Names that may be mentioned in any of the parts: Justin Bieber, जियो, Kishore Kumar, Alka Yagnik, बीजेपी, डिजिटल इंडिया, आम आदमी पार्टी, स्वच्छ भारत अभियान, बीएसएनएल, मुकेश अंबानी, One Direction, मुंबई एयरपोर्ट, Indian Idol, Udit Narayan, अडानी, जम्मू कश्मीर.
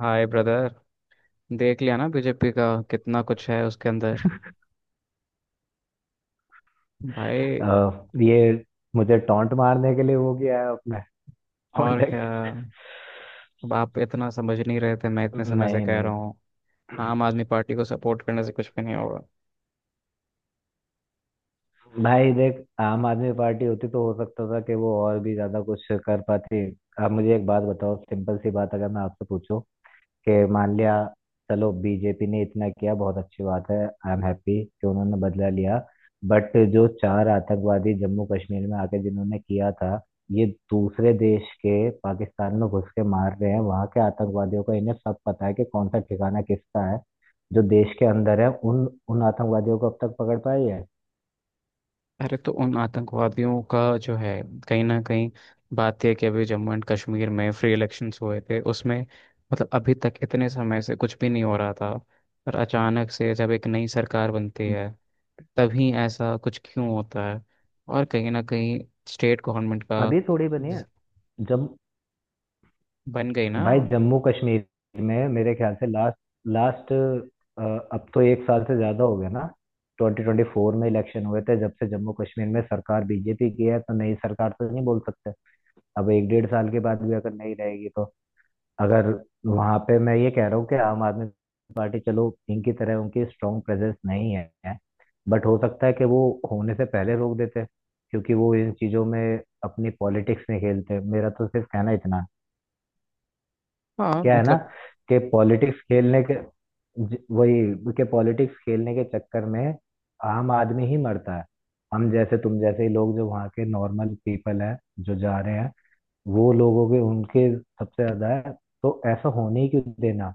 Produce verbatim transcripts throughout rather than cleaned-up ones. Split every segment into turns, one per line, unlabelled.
हाय brother. देख लिया ना, बी जे पी का कितना कुछ है उसके अंदर, भाई।
अ, ये मुझे टॉन्ट मारने के लिए वो किया है अपने
और क्या,
कांटेक्ट।
अब आप इतना समझ नहीं रहे थे, मैं इतने समय से
नहीं
कह रहा
नहीं।
हूँ आम आदमी पार्टी को सपोर्ट करने से कुछ भी नहीं होगा।
भाई देख, आम आदमी पार्टी होती तो हो सकता था कि वो और भी ज्यादा कुछ कर पाती। अब मुझे एक बात बताओ, सिंपल सी बात, अगर मैं आपसे पूछूं कि मान लिया, चलो, बीजेपी ने इतना किया, बहुत अच्छी बात है, आई एम हैप्पी कि उन्होंने बदला लिया। बट जो चार आतंकवादी जम्मू कश्मीर में आके जिन्होंने किया था, ये दूसरे देश के पाकिस्तान में घुस के मार रहे हैं वहां के आतंकवादियों को, इन्हें सब पता है कि कौन सा ठिकाना किसका है। जो देश के अंदर है उन उन आतंकवादियों को अब तक पकड़ पाई है?
अरे, तो उन आतंकवादियों का जो है, कहीं ना कहीं बात यह कि अभी जम्मू एंड कश्मीर में फ्री इलेक्शंस हुए थे उसमें, मतलब अभी तक इतने समय से कुछ भी नहीं हो रहा था, और अचानक से जब एक नई सरकार बनती है तभी ऐसा कुछ क्यों होता है। और कहीं ना कहीं स्टेट गवर्नमेंट का
अभी थोड़ी बनी है।
जिस-
जब
बन गई ना।
भाई जम्मू कश्मीर में मेरे ख्याल से लास्ट लास्ट अब तो एक साल से ज्यादा हो गया ना। ट्वेंटी ट्वेंटी फ़ोर में इलेक्शन हुए थे, जब से जम्मू कश्मीर में सरकार बीजेपी की है, तो नई सरकार तो नहीं बोल सकते। अब एक डेढ़ साल के बाद भी अगर नहीं रहेगी तो? अगर वहां पे मैं ये कह रहा हूँ कि आम आदमी पार्टी, चलो, इनकी तरह उनकी स्ट्रॉन्ग प्रेजेंस नहीं है, बट हो सकता है कि वो होने से पहले रोक देते, क्योंकि वो इन चीजों में अपनी पॉलिटिक्स में खेलते। मेरा तो सिर्फ कहना इतना,
हाँ,
क्या है ना,
मतलब
कि पॉलिटिक्स खेलने के, ज- वही के पॉलिटिक्स खेलने के चक्कर में आम आदमी ही मरता है। हम जैसे तुम जैसे ही लोग जो वहाँ के नॉर्मल पीपल हैं, जो जा रहे हैं, वो लोगों के उनके सबसे ज्यादा है। तो ऐसा होने ही क्यों देना?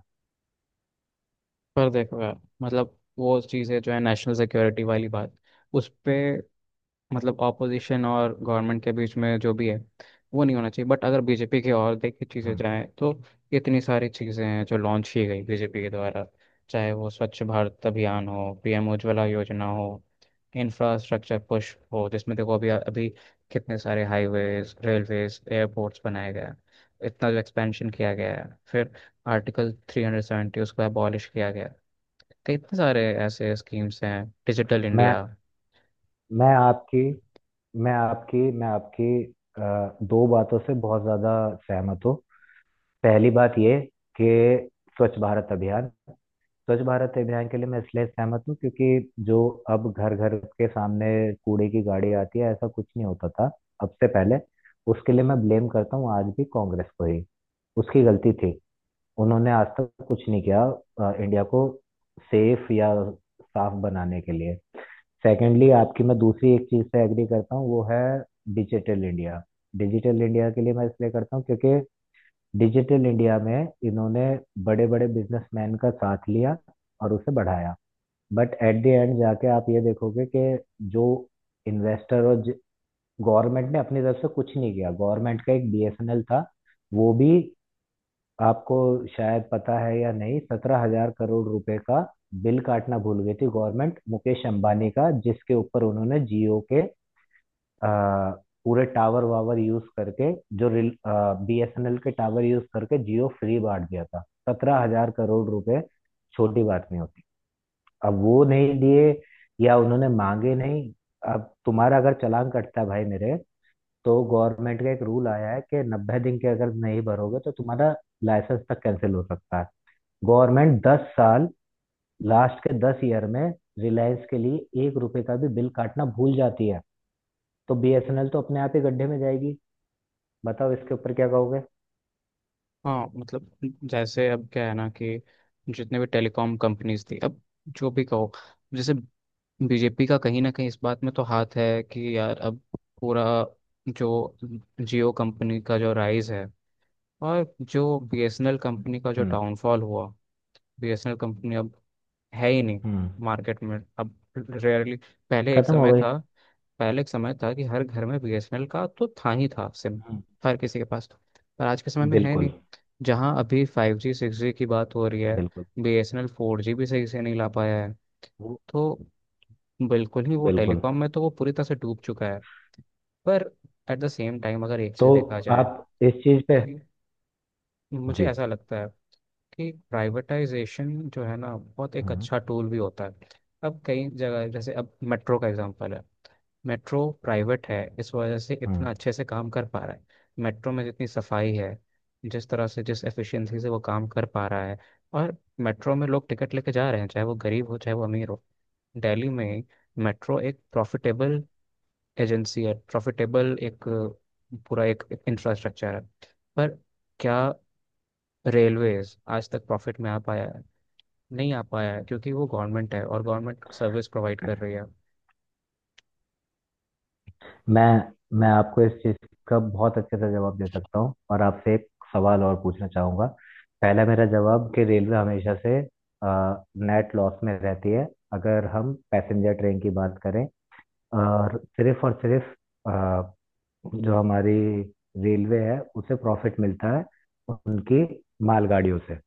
पर देखो यार, मतलब वो चीज़ें जो है नेशनल सिक्योरिटी वाली बात, उस पे मतलब ऑपोजिशन और गवर्नमेंट के बीच में जो भी है वो नहीं होना चाहिए। बट अगर बीजेपी की और देखिए चीज़ें
हम्म।
जाएँ तो इतनी सारी चीज़ें हैं जो लॉन्च की गई बीजेपी के द्वारा, चाहे वो स्वच्छ भारत अभियान हो, पी एम उज्ज्वला योजना हो, इंफ्रास्ट्रक्चर पुश हो जिसमें देखो अभी अभी कितने सारे हाईवेज, रेलवेज, एयरपोर्ट्स बनाए गए हैं। इतना जो एक्सपेंशन किया गया है, फिर आर्टिकल थ्री हंड्रेड सेवेंटी उसको अबॉलिश किया गया है। तो इतने सारे ऐसे स्कीम्स हैं, डिजिटल
मैं
इंडिया।
मैं आपकी मैं आपकी मैं आपकी अ, दो बातों से बहुत ज्यादा सहमत हूँ। पहली बात ये कि स्वच्छ भारत अभियान, स्वच्छ भारत अभियान के लिए मैं इसलिए सहमत हूँ, क्योंकि जो अब घर घर के सामने कूड़े की गाड़ी आती है, ऐसा कुछ नहीं होता था अब से पहले। उसके लिए मैं ब्लेम करता हूँ आज भी कांग्रेस को ही। उसकी गलती थी, उन्होंने आज तक कुछ नहीं किया अ, इंडिया को सेफ या साफ बनाने के लिए। सेकेंडली, आपकी मैं दूसरी एक चीज से एग्री करता हूँ, वो है डिजिटल इंडिया। डिजिटल इंडिया के लिए मैं इसलिए करता हूँ क्योंकि डिजिटल इंडिया में इन्होंने बड़े बड़े बिजनेसमैन का साथ लिया और उसे बढ़ाया। बट एट द एंड जाके आप ये देखोगे कि जो इन्वेस्टर और गवर्नमेंट ने अपनी तरफ से कुछ नहीं किया। गवर्नमेंट का एक बीएसएनएल था, वो भी आपको शायद पता है या नहीं, सत्रह हजार करोड़ रुपए का बिल काटना भूल गई थी गवर्नमेंट, मुकेश अंबानी का, जिसके ऊपर उन्होंने जियो के अ, पूरे टावर वावर यूज करके, जो बीएसएनएल के टावर यूज करके, जियो फ्री बांट दिया था। सत्रह हजार करोड़ रुपए, छोटी बात नहीं होती। अब वो नहीं दिए या उन्होंने मांगे नहीं। अब तुम्हारा अगर चालान कटता है भाई मेरे, तो गवर्नमेंट का एक रूल आया है कि नब्बे दिन के अगर नहीं भरोगे तो तुम्हारा लाइसेंस तक कैंसिल हो सकता है। गवर्नमेंट दस साल, लास्ट के दस ईयर में, रिलायंस के लिए एक रुपए का भी बिल काटना भूल जाती है। तो बीएसएनएल तो अपने आप ही गड्ढे में जाएगी। बताओ, इसके ऊपर क्या कहोगे?
हाँ, मतलब जैसे अब क्या है ना, कि जितने भी टेलीकॉम कंपनीज थी, अब जो भी कहो, जैसे बीजेपी का कहीं ना कहीं इस बात में तो हाथ है कि यार अब पूरा जो जियो कंपनी का जो राइज है और जो B S N L company का जो
हम्म।
डाउनफॉल हुआ। बीएसएनएल कंपनी अब है ही नहीं
हम्म।
मार्केट में, अब रेयरली। पहले एक
खत्म हो
समय
गई।
था पहले एक समय था कि हर घर में बीएसएनएल का तो था ही था सिम,
हम्म।
हर किसी के पास था। पर आज के समय में है नहीं।
बिल्कुल।
जहाँ अभी फाइव जी, सिक्स जी की बात हो रही है,
बिल्कुल।
बीएसएनएल फोर जी भी सही से नहीं ला पाया है।
वो-
तो बिल्कुल ही वो
बिल्कुल।
टेलीकॉम में तो वो पूरी तरह से डूब चुका है। पर एट द सेम टाइम अगर एक
तो
चीज़ देखा जाए
आप इस चीज पे।
कि मुझे
जी।
ऐसा लगता है कि प्राइवेटाइजेशन जो है ना, बहुत एक
हम्म।
अच्छा टूल भी होता है। अब कई जगह, जैसे अब मेट्रो का एग्जांपल है, मेट्रो प्राइवेट है इस वजह से
हम्म।
इतना अच्छे से काम कर पा रहा है। मेट्रो में जितनी सफाई है, जिस तरह से, जिस एफिशिएंसी से वो काम कर पा रहा है, और मेट्रो में लोग टिकट लेके जा रहे हैं चाहे वो गरीब हो चाहे वो अमीर हो। दिल्ली में मेट्रो एक प्रॉफिटेबल एजेंसी है, प्रॉफिटेबल एक अ, पूरा एक इंफ्रास्ट्रक्चर है। पर क्या रेलवेज आज तक प्रॉफिट में आ पाया है? नहीं आ पाया है, क्योंकि वो गवर्नमेंट है और गवर्नमेंट सर्विस प्रोवाइड कर रही है।
मैं मैं आपको इस चीज का बहुत अच्छे से जवाब दे सकता हूँ, और आपसे एक सवाल और पूछना चाहूंगा। पहला मेरा जवाब कि रेलवे हमेशा से नेट लॉस में रहती है अगर हम पैसेंजर ट्रेन की बात करें, और सिर्फ और सिर्फ जो हमारी रेलवे है उसे प्रॉफिट मिलता है उनकी मालगाड़ियों से।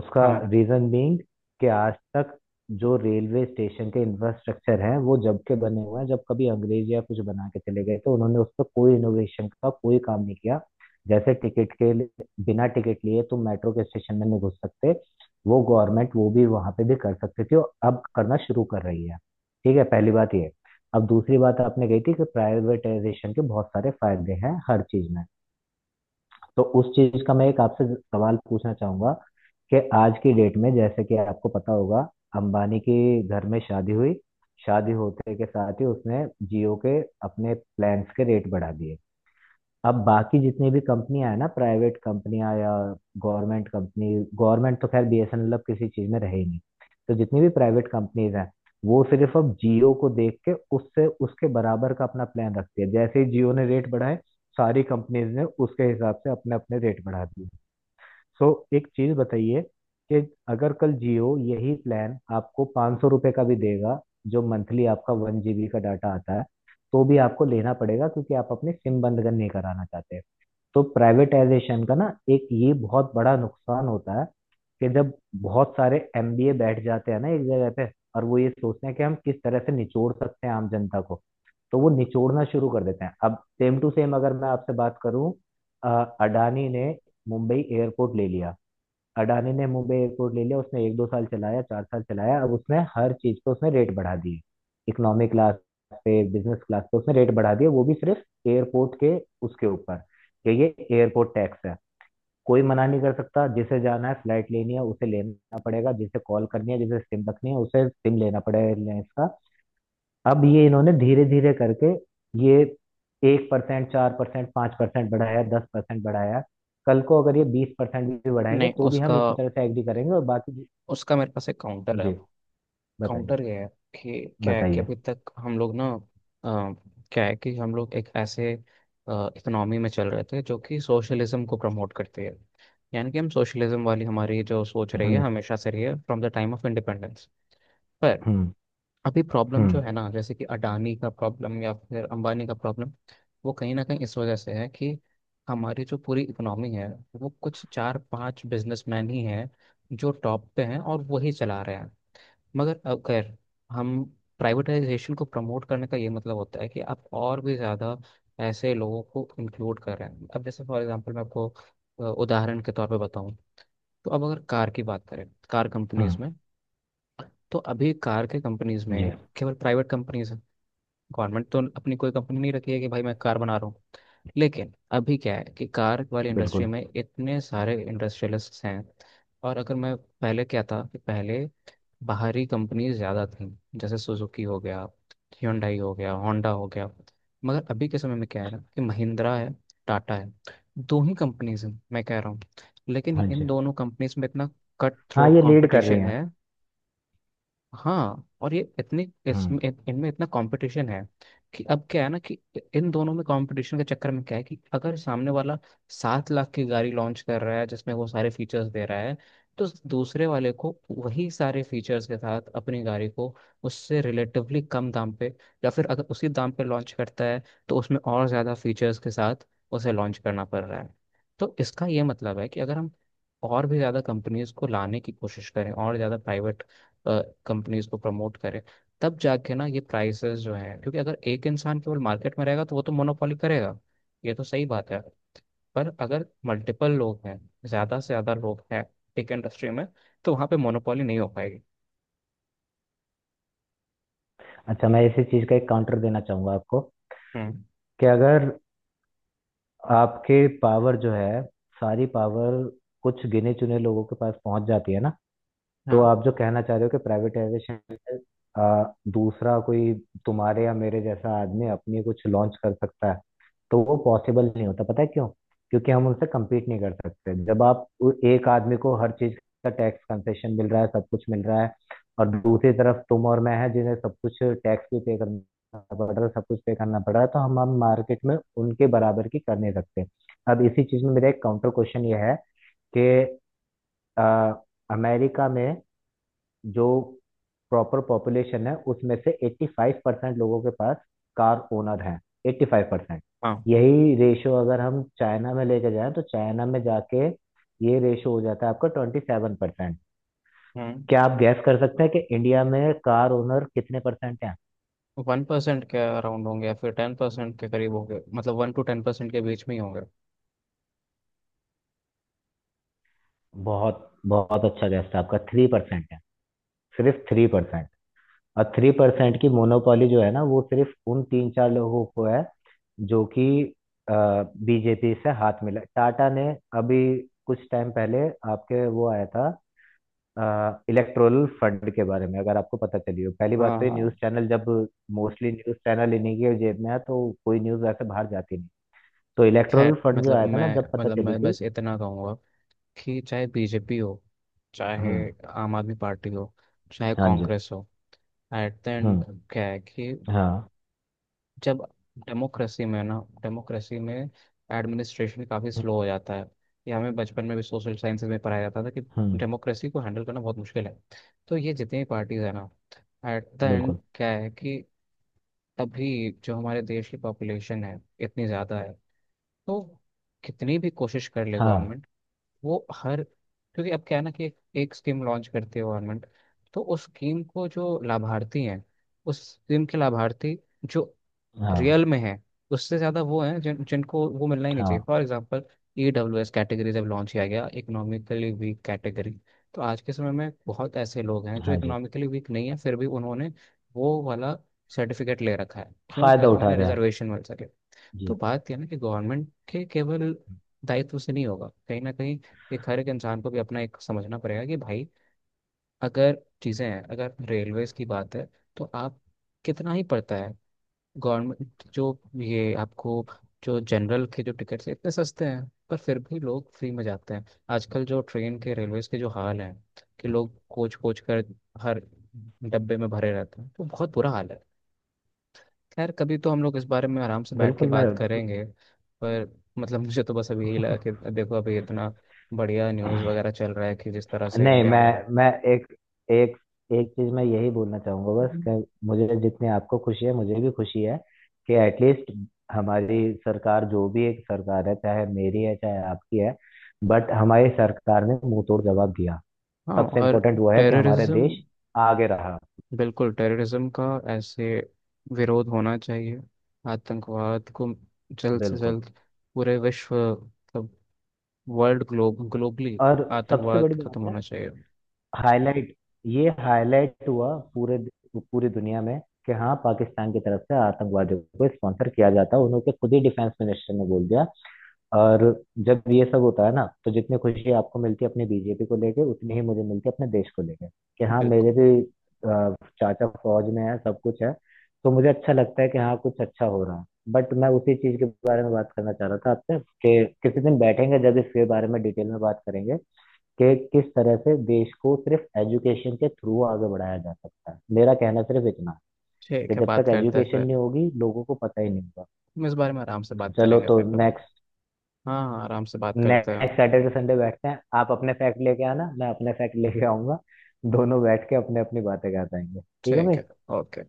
उसका
हाँ।
रीजन बीइंग कि आज तक जो रेलवे स्टेशन के इंफ्रास्ट्रक्चर है वो जब के बने हुए हैं जब कभी अंग्रेज या कुछ बना के चले गए, तो उन्होंने उस पर कोई इनोवेशन का कोई काम नहीं किया। जैसे टिकट के लिए, बिना टिकट लिए तुम मेट्रो के स्टेशन में नहीं घुस सकते। वो गवर्नमेंट वो भी वहां पे भी कर सकती थी और अब करना शुरू कर रही है। ठीक है, पहली बात ये। अब दूसरी बात आपने कही थी कि प्राइवेटाइजेशन के बहुत सारे फायदे हैं हर चीज में, तो उस चीज का मैं एक आपसे सवाल पूछना चाहूंगा कि आज की डेट में, जैसे कि आपको पता होगा, अंबानी के घर में शादी हुई। शादी होते के साथ ही उसने जियो के अपने प्लान्स के रेट बढ़ा दिए। अब बाकी जितनी भी कंपनियां हैं ना, प्राइवेट कंपनियां या गवर्नमेंट कंपनी, गवर्नमेंट तो खैर बीएसएनएल अब किसी चीज में रहे ही नहीं, तो जितनी भी प्राइवेट कंपनीज हैं वो सिर्फ अब जियो को देख के उससे उसके बराबर का अपना प्लान रखती है। जैसे ही जियो ने रेट बढ़ाए, सारी कंपनीज ने उसके हिसाब से अपने अपने रेट बढ़ा दिए। सो एक चीज बताइए कि अगर कल जियो यही प्लान आपको 500 सौ रुपये का भी देगा, जो मंथली आपका वन जीबी का डाटा आता है, तो भी आपको लेना पड़ेगा, क्योंकि आप अपनी सिम बंद नहीं कराना चाहते। तो प्राइवेटाइजेशन का ना एक ये बहुत बड़ा नुकसान होता है कि जब बहुत सारे एमबीए बैठ जाते हैं ना एक जगह पे, और वो ये सोचते हैं कि हम किस तरह से निचोड़ सकते हैं आम जनता को, तो वो निचोड़ना शुरू कर देते हैं। अब सेम टू सेम अगर मैं आपसे बात करूं, अ, अडानी ने मुंबई एयरपोर्ट ले लिया। अडानी ने मुंबई एयरपोर्ट ले लिया, उसने एक दो साल चलाया, चार साल चलाया, अब उसने हर चीज पे उसने रेट बढ़ा दिए। इकोनॉमिक क्लास पे, बिजनेस क्लास पे, उसने रेट बढ़ा दिए। वो भी सिर्फ एयरपोर्ट के, उसके ऊपर कि ये एयरपोर्ट टैक्स है। कोई मना नहीं कर सकता, जिसे जाना है फ्लाइट लेनी है उसे लेना पड़ेगा, जिसे कॉल करनी है जिसे सिम रखनी है उसे सिम लेना पड़ेगा एयरलाइंस का। अब ये इन्होंने धीरे धीरे करके ये एक परसेंट, चार परसेंट, पांच परसेंट बढ़ाया, दस परसेंट बढ़ाया। कल को अगर ये बीस परसेंट भी बढ़ाएंगे
नहीं
तो भी हम
उसका
इसी तरह से एग्री करेंगे, और बाकी जी।
उसका मेरे पास एक काउंटर है।
जी, बताइए।
काउंटर गया है कि क्या है कि
बताइए।
अभी तक हम लोग ना अ, क्या है कि हम लोग एक ऐसे इकोनॉमी में चल रहे थे जो कि सोशलिज्म को प्रमोट करती है। यानी कि हम सोशलिज्म वाली हमारी जो सोच रही है,
हम्म।
हमेशा से रही है, from the time of independence. पर
हम्म।
अभी प्रॉब्लम जो
हम्म।
है ना, जैसे कि अडानी का प्रॉब्लम या फिर अंबानी का प्रॉब्लम, वो कहीं ना कहीं इस वजह से है कि हमारी जो पूरी इकोनॉमी है, वो कुछ चार पांच बिजनेसमैन ही हैं जो टॉप पे हैं और वही चला रहे हैं। मगर अगर हम प्राइवेटाइजेशन को प्रमोट करने का ये मतलब होता है कि आप और भी ज़्यादा ऐसे लोगों को इंक्लूड कर रहे हैं। अब जैसे फॉर एग्जांपल मैं आपको अ, उदाहरण के तौर पे बताऊं, तो अब अगर कार की बात करें, कार कंपनीज
हम्म।
में, तो अभी कार के कंपनीज
जी।
में केवल प्राइवेट कंपनीज हैं। गवर्नमेंट तो अपनी कोई कंपनी नहीं रखी है कि भाई मैं कार बना रहा हूँ। लेकिन अभी क्या है कि कार वाली इंडस्ट्री
बिल्कुल।
में इतने सारे इंडस्ट्रियलिस्ट्स हैं। और अगर मैं पहले क्या था कि पहले बाहरी कंपनीज ज़्यादा थीं, जैसे सुजुकी हो गया, Hyundai हो गया, होंडा हो गया। मगर अभी के समय में क्या है ना कि महिंद्रा है, टाटा है, दो ही कंपनीज हैं मैं कह रहा हूँ। लेकिन
हाँ
इन
जी।
दोनों कंपनीज में इतना कट
हाँ,
थ्रोट
ये लीड कर रही
कंपटीशन
हैं।
है। हाँ, और ये इतनी इस,
हम्म।
इन- इनमें इतना कंपटीशन है कि अब क्या है ना कि इन दोनों में कंपटीशन के चक्कर में क्या है कि अगर सामने वाला सात लाख की गाड़ी लॉन्च कर रहा है जिसमें वो सारे फीचर्स दे रहा है, तो दूसरे वाले को वही सारे फीचर्स के साथ अपनी गाड़ी को उससे रिलेटिवली कम दाम पे या फिर अगर उसी दाम पे लॉन्च करता है तो उसमें और ज़्यादा फीचर्स के साथ उसे लॉन्च करना पड़ रहा है। तो इसका ये मतलब है कि अगर हम और भी ज़्यादा कंपनीज को लाने की कोशिश करें और ज़्यादा प्राइवेट कंपनीज को प्रमोट करे, तब जाके ना ये प्राइसेस जो है, क्योंकि अगर एक इंसान केवल मार्केट में रहेगा तो वो तो मोनोपोली करेगा, ये तो सही बात है। पर अगर मल्टीपल लोग हैं, ज्यादा से ज्यादा लोग हैं टेक इंडस्ट्री में, तो वहाँ पे मोनोपोली नहीं हो पाएगी।
अच्छा, मैं इसी चीज का एक काउंटर देना चाहूंगा आपको।
हम्म।
कि अगर आपके पावर जो है, सारी पावर, कुछ गिने चुने लोगों के पास पहुंच जाती है ना, तो
हाँ
आप जो कहना चाह रहे हो कि प्राइवेटाइजेशन में अ, दूसरा कोई तुम्हारे या मेरे जैसा आदमी अपनी कुछ लॉन्च कर सकता है, तो वो पॉसिबल नहीं होता। पता है क्यों? क्योंकि हम उनसे कम्पीट नहीं कर सकते। जब आप उ- एक आदमी को हर चीज का टैक्स कंसेशन मिल रहा है, सब कुछ मिल रहा है, और दूसरी तरफ तुम और मैं हैं जिन्हें सब कुछ टैक्स भी पे करना पड़ रहा है, सब कुछ पे करना पड़ रहा है, तो हम हम मार्केट में उनके बराबर की कर नहीं सकते। अब इसी चीज में मेरा एक काउंटर क्वेश्चन ये है कि अ, अमेरिका में जो प्रॉपर पॉपुलेशन है उसमें से पचासी परसेंट लोगों के पास कार ओनर हैं। पचासी परसेंट।
हाँ।
यही रेशो अगर हम चाइना में लेके जाएं, तो चाइना में जाके ये रेशो हो जाता है आपका सत्ताईस परसेंट।
हम्म।
क्या आप गैस कर सकते हैं कि इंडिया में कार ओनर कितने परसेंट हैं?
वन परसेंट के अराउंड होंगे, या फिर टेन परसेंट के करीब होंगे, मतलब वन टू टेन परसेंट के बीच में ही होंगे।
बहुत बहुत अच्छा गैस था आपका। थ्री परसेंट है, सिर्फ थ्री परसेंट। और थ्री परसेंट की मोनोपोली जो है ना वो सिर्फ उन तीन चार लोगों को है, जो कि बीजेपी से हाथ मिला टाटा ने। अभी कुछ टाइम पहले आपके वो आया था इलेक्टोरल फंड के बारे में, अगर आपको पता चली हो। पहली बात
हाँ
तो ये
हाँ।
न्यूज़ चैनल, जब मोस्टली न्यूज़ चैनल इन्हीं के जेब में है, तो कोई न्यूज़ ऐसे बाहर जाती नहीं। तो इलेक्टोरल
खैर,
फंड जो
मतलब
आया था ना,
मैं
जब पता
मतलब
चली
मैं
थी।
बस इतना कहूँगा कि चाहे बीजेपी हो, चाहे
हम्म।
आम आदमी पार्टी हो, चाहे
हाँ जी।
कांग्रेस हो, एट द
हम्म।
एंड क्या है कि
हाँ।
जब डेमोक्रेसी में ना डेमोक्रेसी में एडमिनिस्ट्रेशन काफ़ी
हम्म।
स्लो हो जाता है। ये हमें बचपन में भी सोशल साइंस में पढ़ाया जाता था कि
हम्म।
डेमोक्रेसी को हैंडल करना बहुत मुश्किल है। तो ये जितनी भी पार्टीज है ना, एट द एंड
बिल्कुल।
क्या है कि अभी जो हमारे देश की पॉपुलेशन है, इतनी ज़्यादा है, तो कितनी भी कोशिश कर ले
हाँ।
गवर्नमेंट, वो हर क्योंकि अब क्या है ना कि एक, एक स्कीम लॉन्च करती है गवर्नमेंट, तो उस स्कीम को जो लाभार्थी हैं, उस स्कीम के लाभार्थी जो
हाँ।
रियल में हैं, उससे ज़्यादा वो हैं जिन जिनको वो मिलना ही नहीं चाहिए।
हाँ।
For example, E W S category जब लॉन्च किया गया, इकोनॉमिकली वीक कैटेगरी, तो आज के समय में बहुत ऐसे लोग हैं जो
हाँ जी।
इकोनॉमिकली वीक नहीं है, फिर भी उन्होंने वो वाला सर्टिफिकेट ले रखा है, क्यों?
फायदा
ताकि
उठा
उन्हें
रहे हैं।
रिजर्वेशन मिल सके। तो
जी।
बात यह है ना कि गवर्नमेंट के केवल दायित्व से नहीं होगा, कहीं ना कहीं एक हर एक इंसान को भी अपना एक समझना पड़ेगा कि भाई, अगर चीज़ें हैं, अगर रेलवेज की बात है तो आप कितना ही पड़ता है, गवर्नमेंट जो ये आपको, जो जनरल के जो टिकट्स हैं इतने सस्ते हैं, पर फिर भी लोग फ्री में जाते हैं। आजकल जो ट्रेन के, रेलवेज के जो हाल है, कि लोग कोच कोच कर हर डब्बे में भरे रहते हैं, तो बहुत बुरा हाल है। खैर, कभी तो हम लोग इस बारे में आराम से बैठ के
बिल्कुल। मैं।
बात करेंगे। पर मतलब मुझे तो बस अभी यही लगा कि देखो अभी इतना बढ़िया न्यूज़ वगैरह चल रहा है कि जिस तरह से
नहीं,
इंडिया ने।
मैं मैं एक एक एक चीज मैं यही बोलना चाहूंगा बस,
हम्म।
कि मुझे जितनी आपको खुशी है मुझे भी खुशी है, कि एटलीस्ट हमारी सरकार, जो भी एक सरकार है चाहे मेरी है चाहे आपकी है, बट हमारी सरकार ने मुंह तोड़ जवाब दिया।
हाँ,
सबसे
और
इम्पोर्टेंट वो है कि हमारे
टेररिज्म,
देश आगे रहा।
बिल्कुल टेररिज्म का ऐसे विरोध होना चाहिए। आतंकवाद को जल्द से
बिल्कुल।
जल्द पूरे विश्व, मतलब वर्ल्ड ग्लोब, ग्लोबली
और सबसे बड़ी
आतंकवाद
बात
खत्म
है
होना चाहिए।
हाईलाइट, ये हाईलाइट हुआ पूरे, पूरी दुनिया में, कि हाँ पाकिस्तान की तरफ से आतंकवादियों को स्पॉन्सर किया जाता है। उन्होंने खुद ही डिफेंस मिनिस्टर ने बोल दिया। और जब ये सब होता है ना, तो जितनी खुशी आपको मिलती है अपने बीजेपी को लेके, उतनी ही मुझे मिलती है अपने देश को लेके, कि हाँ
बिल्कुल।
मेरे भी अ, चाचा फौज में है, सब कुछ है। तो मुझे अच्छा लगता है कि हाँ कुछ अच्छा हो रहा है। बट मैं उसी चीज के बारे में बात करना चाह रहा था आपसे कि किसी दिन बैठेंगे जब इसके बारे में डिटेल में बात करेंगे, कि किस तरह से देश को सिर्फ एजुकेशन के थ्रू आगे बढ़ाया जा सकता है। मेरा कहना सिर्फ इतना है कि
ठीक है,
जब
बात
तक
करते हैं
एजुकेशन
फिर।
नहीं होगी, लोगों को पता ही नहीं होगा।
हम इस बारे में आराम से बात
चलो,
करेंगे
तो
फिर कभी।
नेक्स्ट,
हाँ हाँ, आराम से बात करते
नेक्स्ट
हैं।
सैटरडे संडे बैठते हैं। आप अपने फैक्ट लेके आना, मैं अपने फैक्ट लेके आऊंगा, दोनों बैठ के अपने अपनी बातें कर पाएंगे, ठीक है
ठीक
भाई।
है। ओके।